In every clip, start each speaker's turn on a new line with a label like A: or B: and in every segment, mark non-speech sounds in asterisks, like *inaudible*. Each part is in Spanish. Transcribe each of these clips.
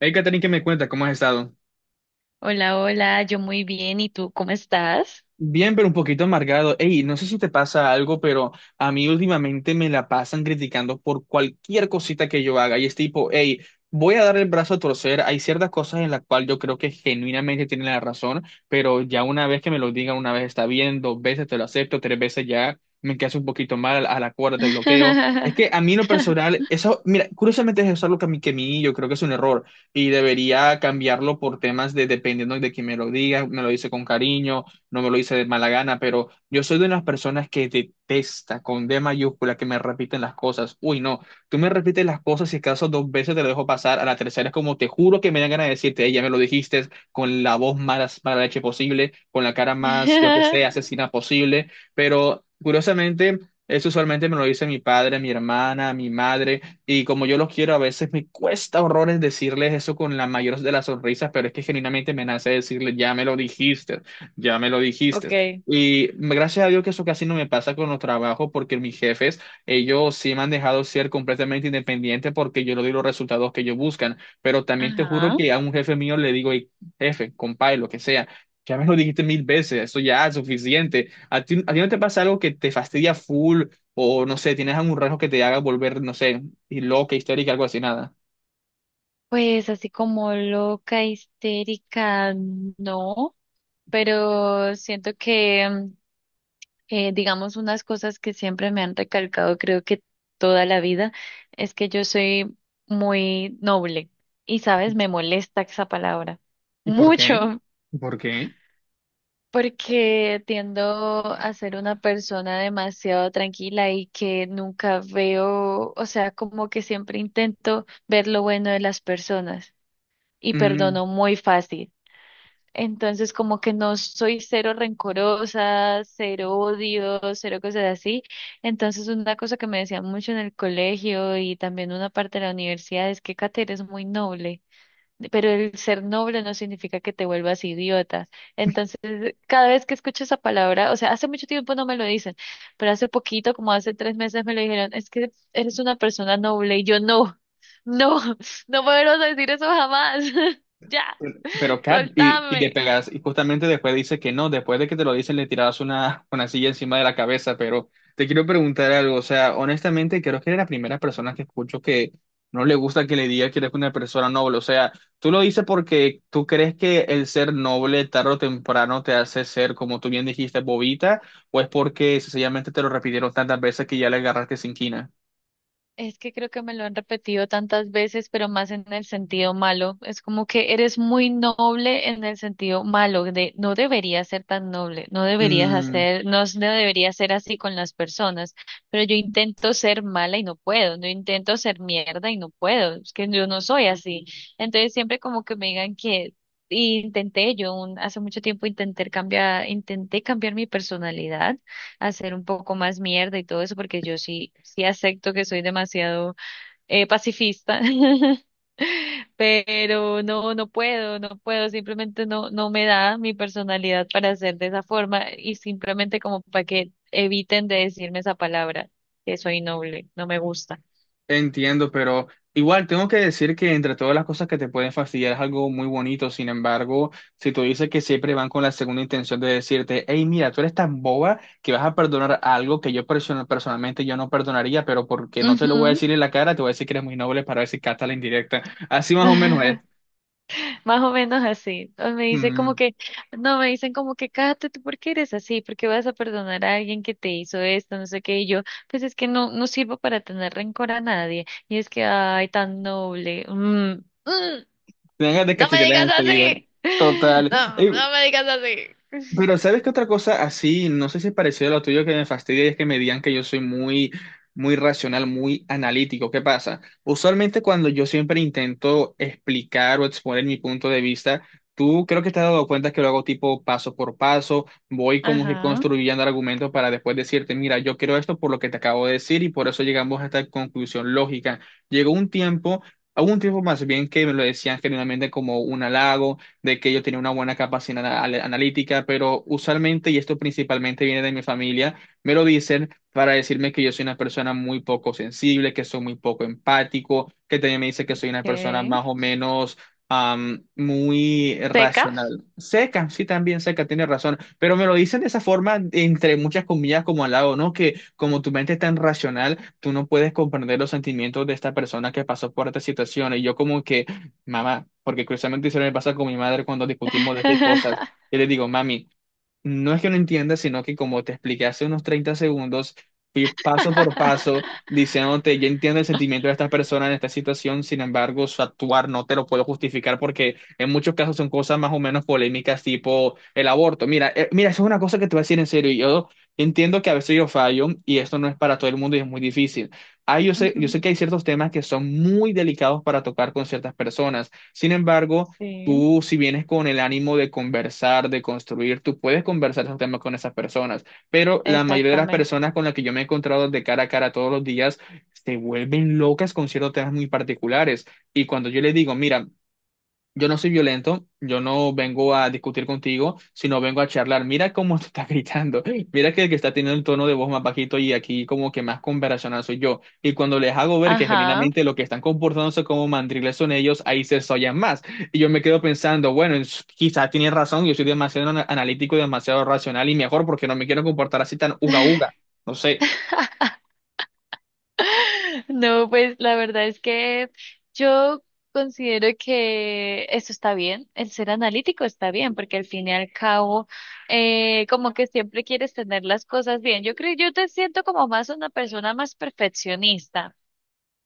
A: Hey, Catherine, ¿que me cuenta? ¿Cómo has estado?
B: Hola, hola, yo muy bien, ¿y tú cómo estás?
A: Bien, pero un poquito amargado. Ey, no sé si te pasa algo, pero a mí últimamente me la pasan criticando por cualquier cosita que yo haga. Y es tipo, hey, voy a dar el brazo a torcer. Hay ciertas cosas en las cuales yo creo que genuinamente tienen la razón, pero ya una vez que me lo digan, una vez está bien, dos veces te lo acepto, tres veces ya me quedas un poquito mal, a la cuarta te bloqueo. Es que a mí en lo
B: *laughs*
A: personal, eso, mira, curiosamente es algo que a mí yo creo que es un error y debería cambiarlo por temas de dependiendo de quién me lo diga, me lo dice con cariño, no me lo hice de mala gana, pero yo soy de las personas que detesta con D mayúscula que me repiten las cosas. Uy, no, tú me repites las cosas, si acaso dos veces te lo dejo pasar, a la tercera es como te juro que me dan ganas de decirte, "Ey, ya me lo dijiste", con la voz más mala leche posible, con la cara más, yo que sé, asesina posible, pero curiosamente... Eso usualmente me lo dice mi padre, mi hermana, mi madre, y como yo los quiero, a veces me cuesta horrores decirles eso con la mayor de las sonrisas, pero es que genuinamente me nace decirles, ya me lo dijiste. Ya me lo dijiste.
B: Okay.
A: Y gracias a Dios que eso casi no me pasa con los trabajos porque mis jefes, ellos sí me han dejado ser completamente independiente porque yo le doy los resultados que ellos buscan. Pero también te juro
B: Ajá.
A: que a un jefe mío le digo, "Ey, jefe, compadre, lo que sea, ya me lo dijiste mil veces, eso ya es suficiente". ¿A ti no te pasa algo que te fastidia full o no sé, tienes algún rasgo que te haga volver, no sé, y loca, histérica, algo así, nada?
B: Pues así como loca, histérica, no, pero siento que, digamos, unas cosas que siempre me han recalcado, creo que toda la vida, es que yo soy muy noble y, sabes, me molesta esa palabra.
A: ¿Y por qué?
B: Mucho. *laughs*
A: ¿Y por qué?
B: Porque tiendo a ser una persona demasiado tranquila y que nunca veo, o sea, como que siempre intento ver lo bueno de las personas y perdono muy fácil. Entonces, como que no soy cero rencorosa, cero odio, cero cosas así. Entonces, una cosa que me decían mucho en el colegio y también una parte de la universidad es que Kate, eres muy noble, pero el ser noble no significa que te vuelvas idiota. Entonces, cada vez que escucho esa palabra, o sea, hace mucho tiempo no me lo dicen, pero hace poquito, como hace 3 meses, me lo dijeron, es que eres una persona noble y yo, no, *laughs* no, no me vuelvas a decir eso jamás. *laughs* Ya,
A: Pero Kat, y le
B: soltame.
A: pegas, y justamente después dice que no, después de que te lo dicen le tirabas una silla encima de la cabeza, pero te quiero preguntar algo, o sea, honestamente creo que eres la primera persona que escucho que no le gusta que le diga que eres una persona noble, o sea, tú lo dices porque tú crees que el ser noble tarde o temprano te hace ser, como tú bien dijiste, bobita, o es porque sencillamente te lo repitieron tantas veces que ya le agarraste sin quina.
B: Es que creo que me lo han repetido tantas veces, pero más en el sentido malo. Es como que eres muy noble en el sentido malo, de no deberías ser tan noble, no deberías hacer, no, s- no deberías ser así con las personas. Pero yo intento ser mala y no puedo, no intento ser mierda y no puedo, es que yo no soy así. Entonces siempre como que me digan que, y intenté yo un, hace mucho tiempo intenté cambiar mi personalidad, hacer un poco más mierda y todo eso, porque yo sí, sí acepto que soy demasiado pacifista. *laughs* Pero no, no puedo, no puedo, simplemente no, no me da mi personalidad para ser de esa forma y simplemente como para que eviten de decirme esa palabra, que soy noble, no me gusta.
A: Entiendo, pero igual tengo que decir que entre todas las cosas que te pueden fastidiar es algo muy bonito. Sin embargo, si tú dices que siempre van con la segunda intención de decirte, hey, mira, tú eres tan boba que vas a perdonar algo que yo personalmente yo no perdonaría, pero porque no te lo voy a
B: Ujú.
A: decir en la cara, te voy a decir que eres muy noble para ver si captas la indirecta. Así más o menos es.
B: *laughs* Más o menos así. O me dice como
A: Mm,
B: que, no, me dicen como que, cállate, ¿tú por qué eres así? ¿Por qué vas a perdonar a alguien que te hizo esto? No sé qué. Y yo, pues es que no, no sirvo para tener rencor a nadie. Y es que, ay, tan noble. Mm,
A: tengas de
B: no me
A: cachetear
B: digas
A: enseguida.
B: así. *laughs*
A: Total.
B: No,
A: Ey,
B: no me digas así.
A: pero
B: *laughs*
A: ¿sabes qué otra cosa así? No sé si es parecido a lo tuyo que me fastidia y es que me digan que yo soy muy racional, muy analítico. ¿Qué pasa? Usualmente cuando yo siempre intento explicar o exponer mi punto de vista, tú creo que te has dado cuenta que lo hago tipo paso por paso, voy como que
B: Ajá,
A: construyendo argumentos para después decirte, mira, yo creo esto por lo que te acabo de decir y por eso llegamos a esta conclusión lógica. Llegó un tiempo... Hubo un tiempo más bien que me lo decían generalmente como un halago, de que yo tenía una buena capacidad analítica, pero usualmente, y esto principalmente viene de mi familia, me lo dicen para decirme que yo soy una persona muy poco sensible, que soy muy poco empático, que también me dice que soy una persona
B: ok.
A: más o menos muy
B: Seca.
A: racional. Seca, sí, también seca, tiene razón, pero me lo dicen de esa forma, entre muchas comillas, como al lado, ¿no? Que como tu mente es tan racional, tú no puedes comprender los sentimientos de esta persona que pasó por esta situación. Y yo como que mamá, porque curiosamente hicieron el pasar con mi madre cuando discutimos de qué cosas.
B: *laughs*
A: Yo le digo, mami, no es que no entiendas, sino que como te expliqué hace unos 30 segundos, fui paso por paso diciéndote, yo entiendo el sentimiento de esta persona en esta situación, sin embargo, su actuar no te lo puedo justificar porque en muchos casos son cosas más o menos polémicas, tipo el aborto. Mira, mira, eso es una cosa que te voy a decir en serio. Y yo entiendo que a veces yo fallo y esto no es para todo el mundo y es muy difícil. Ah,
B: Ujú.
A: yo sé que hay ciertos temas que son muy delicados para tocar con ciertas personas. Sin embargo,
B: Sí,
A: tú, si vienes con el ánimo de conversar, de construir, tú puedes conversar esos temas con esas personas, pero la mayoría de las
B: exactamente.
A: personas con las que yo me he encontrado de cara a cara todos los días se vuelven locas con ciertos temas muy particulares. Y cuando yo les digo, mira, yo no soy violento, yo no vengo a discutir contigo, sino vengo a charlar. Mira cómo *laughs* te está gritando, mira que el que está teniendo el tono de voz más bajito y aquí como que más conversacional soy yo. Y cuando les hago ver que
B: Ajá.
A: genuinamente lo que están comportándose como mandriles son ellos, ahí se sollan más. Y yo me quedo pensando, bueno, quizás tienen razón, yo soy demasiado analítico y demasiado racional y mejor porque no me quiero comportar así tan uga uga. No sé.
B: No, pues la verdad es que yo considero que eso está bien, el ser analítico está bien, porque al fin y al cabo, como que siempre quieres tener las cosas bien. Yo creo, yo te siento como más una persona más perfeccionista,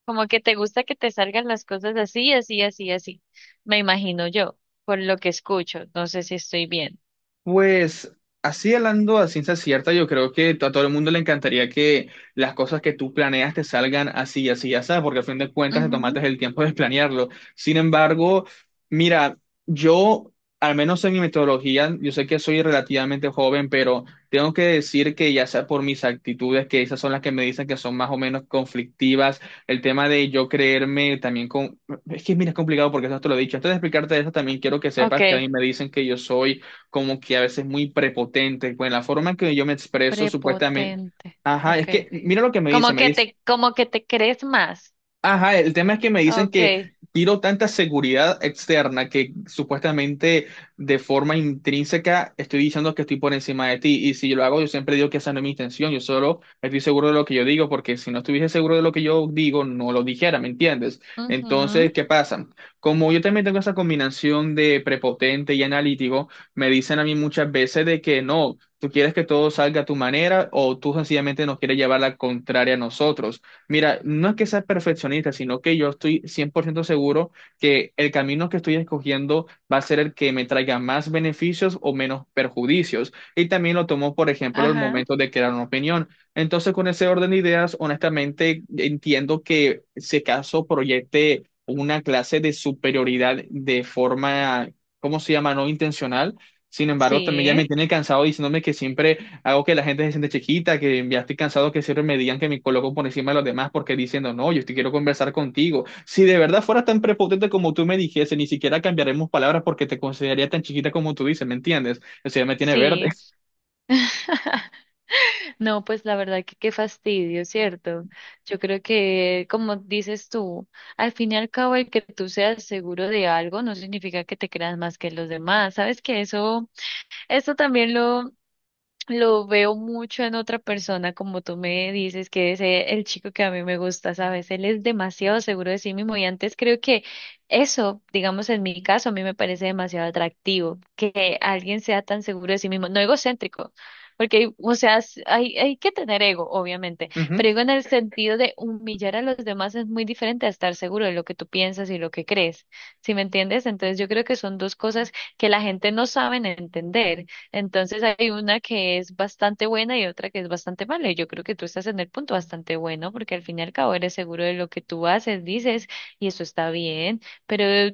B: como que te gusta que te salgan las cosas así, así, así, así. Me imagino yo, por lo que escucho, no sé si estoy bien.
A: Pues así hablando a ciencia cierta, yo creo que a todo el mundo le encantaría que las cosas que tú planeas te salgan así, así, así, porque al fin de cuentas te tomaste
B: Ujú.
A: el tiempo de planearlo. Sin embargo, mira, yo, al menos en mi metodología, yo sé que soy relativamente joven, pero tengo que decir que ya sea por mis actitudes, que esas son las que me dicen que son más o menos conflictivas, el tema de yo creerme también con... Es que mira, es complicado porque eso te lo he dicho. Antes de explicarte eso, también quiero que sepas que a mí
B: Ok,
A: me dicen que yo soy como que a veces muy prepotente, pues en la forma en que yo me expreso, supuestamente,
B: prepotente,
A: ajá, es
B: ok.
A: que mira lo que me dice, me dice.
B: Como que te crees más.
A: Ajá, el tema es que me dicen
B: Ok.
A: que tiro tanta seguridad externa que supuestamente de forma intrínseca estoy diciendo que estoy por encima de ti. Y si yo lo hago, yo siempre digo que esa no es mi intención. Yo solo estoy seguro de lo que yo digo, porque si no estuviese seguro de lo que yo digo, no lo dijera, ¿me entiendes? Entonces,
B: Ujú.
A: ¿qué pasa? Como yo también tengo esa combinación de prepotente y analítico, me dicen a mí muchas veces de que no. Tú quieres que todo salga a tu manera o tú sencillamente nos quieres llevar la contraria a nosotros. Mira, no es que sea perfeccionista, sino que yo estoy 100% seguro que el camino que estoy escogiendo va a ser el que me traiga más beneficios o menos perjudicios. Y también lo tomo, por ejemplo, el
B: Ajá,
A: momento de crear una opinión. Entonces, con ese orden de ideas, honestamente, entiendo que si caso proyecte una clase de superioridad de forma, ¿cómo se llama? No intencional. Sin embargo, también ya
B: sí,
A: me tiene cansado diciéndome que siempre hago que la gente se siente chiquita, que ya estoy cansado que siempre me digan que me coloco por encima de los demás porque diciendo, no, yo te quiero conversar contigo. Si de verdad fueras tan prepotente como tú me dijese, ni siquiera cambiaremos palabras porque te consideraría tan chiquita como tú dices, ¿me entiendes? Eso ya me tiene verde.
B: sí. No, pues la verdad que qué fastidio, ¿cierto? Yo creo que, como dices tú, al fin y al cabo el que tú seas seguro de algo no significa que te creas más que los demás. Sabes que eso también lo veo mucho en otra persona, como tú me dices, que es el chico que a mí me gusta, ¿sabes? Él es demasiado seguro de sí mismo y antes creo que eso, digamos en mi caso, a mí me parece demasiado atractivo, que alguien sea tan seguro de sí mismo, no egocéntrico, porque, o sea, s- hay que tener ego, obviamente, pero
A: *laughs*
B: digo en el sentido de humillar a los demás es muy diferente a estar seguro de lo que tú piensas y lo que crees, ¿sí me entiendes? Entonces yo creo que son dos cosas que la gente no saben entender. Entonces hay una que es bastante buena y otra que es bastante mala. Y yo creo que tú estás en el punto bastante bueno porque al fin y al cabo eres seguro de lo que tú haces, dices, y eso está bien. Pero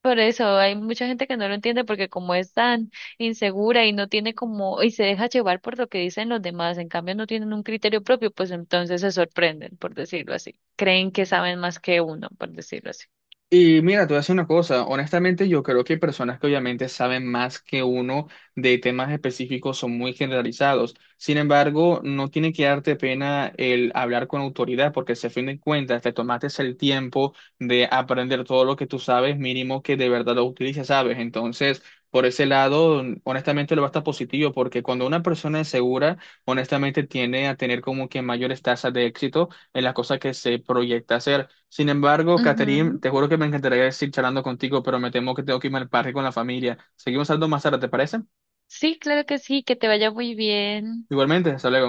B: por eso hay mucha gente que no lo entiende porque como es tan insegura y no tiene como, y se deja llevar por lo que dicen los demás, en cambio no tienen un criterio propio, pues entonces se sorprenden, por decirlo así. Creen que saben más que uno, por decirlo así.
A: Y mira, te voy a decir una cosa, honestamente yo creo que hay personas que obviamente saben más que uno de temas específicos, son muy generalizados. Sin embargo, no tiene que darte pena el hablar con autoridad, porque si a fin de cuentas te tomaste el tiempo de aprender todo lo que tú sabes, mínimo que de verdad lo utilices, ¿sabes? Entonces, por ese lado, honestamente lo va a estar positivo, porque cuando una persona es segura, honestamente tiende a tener como que mayores tasas de éxito en las cosas que se proyecta hacer. Sin embargo, Catherine,
B: Ujú.
A: te juro que me encantaría seguir charlando contigo, pero me temo que tengo que irme al parque con la familia. Seguimos hablando más tarde, ¿te parece?
B: Sí, claro que sí, que te vaya muy bien.
A: Igualmente, hasta luego.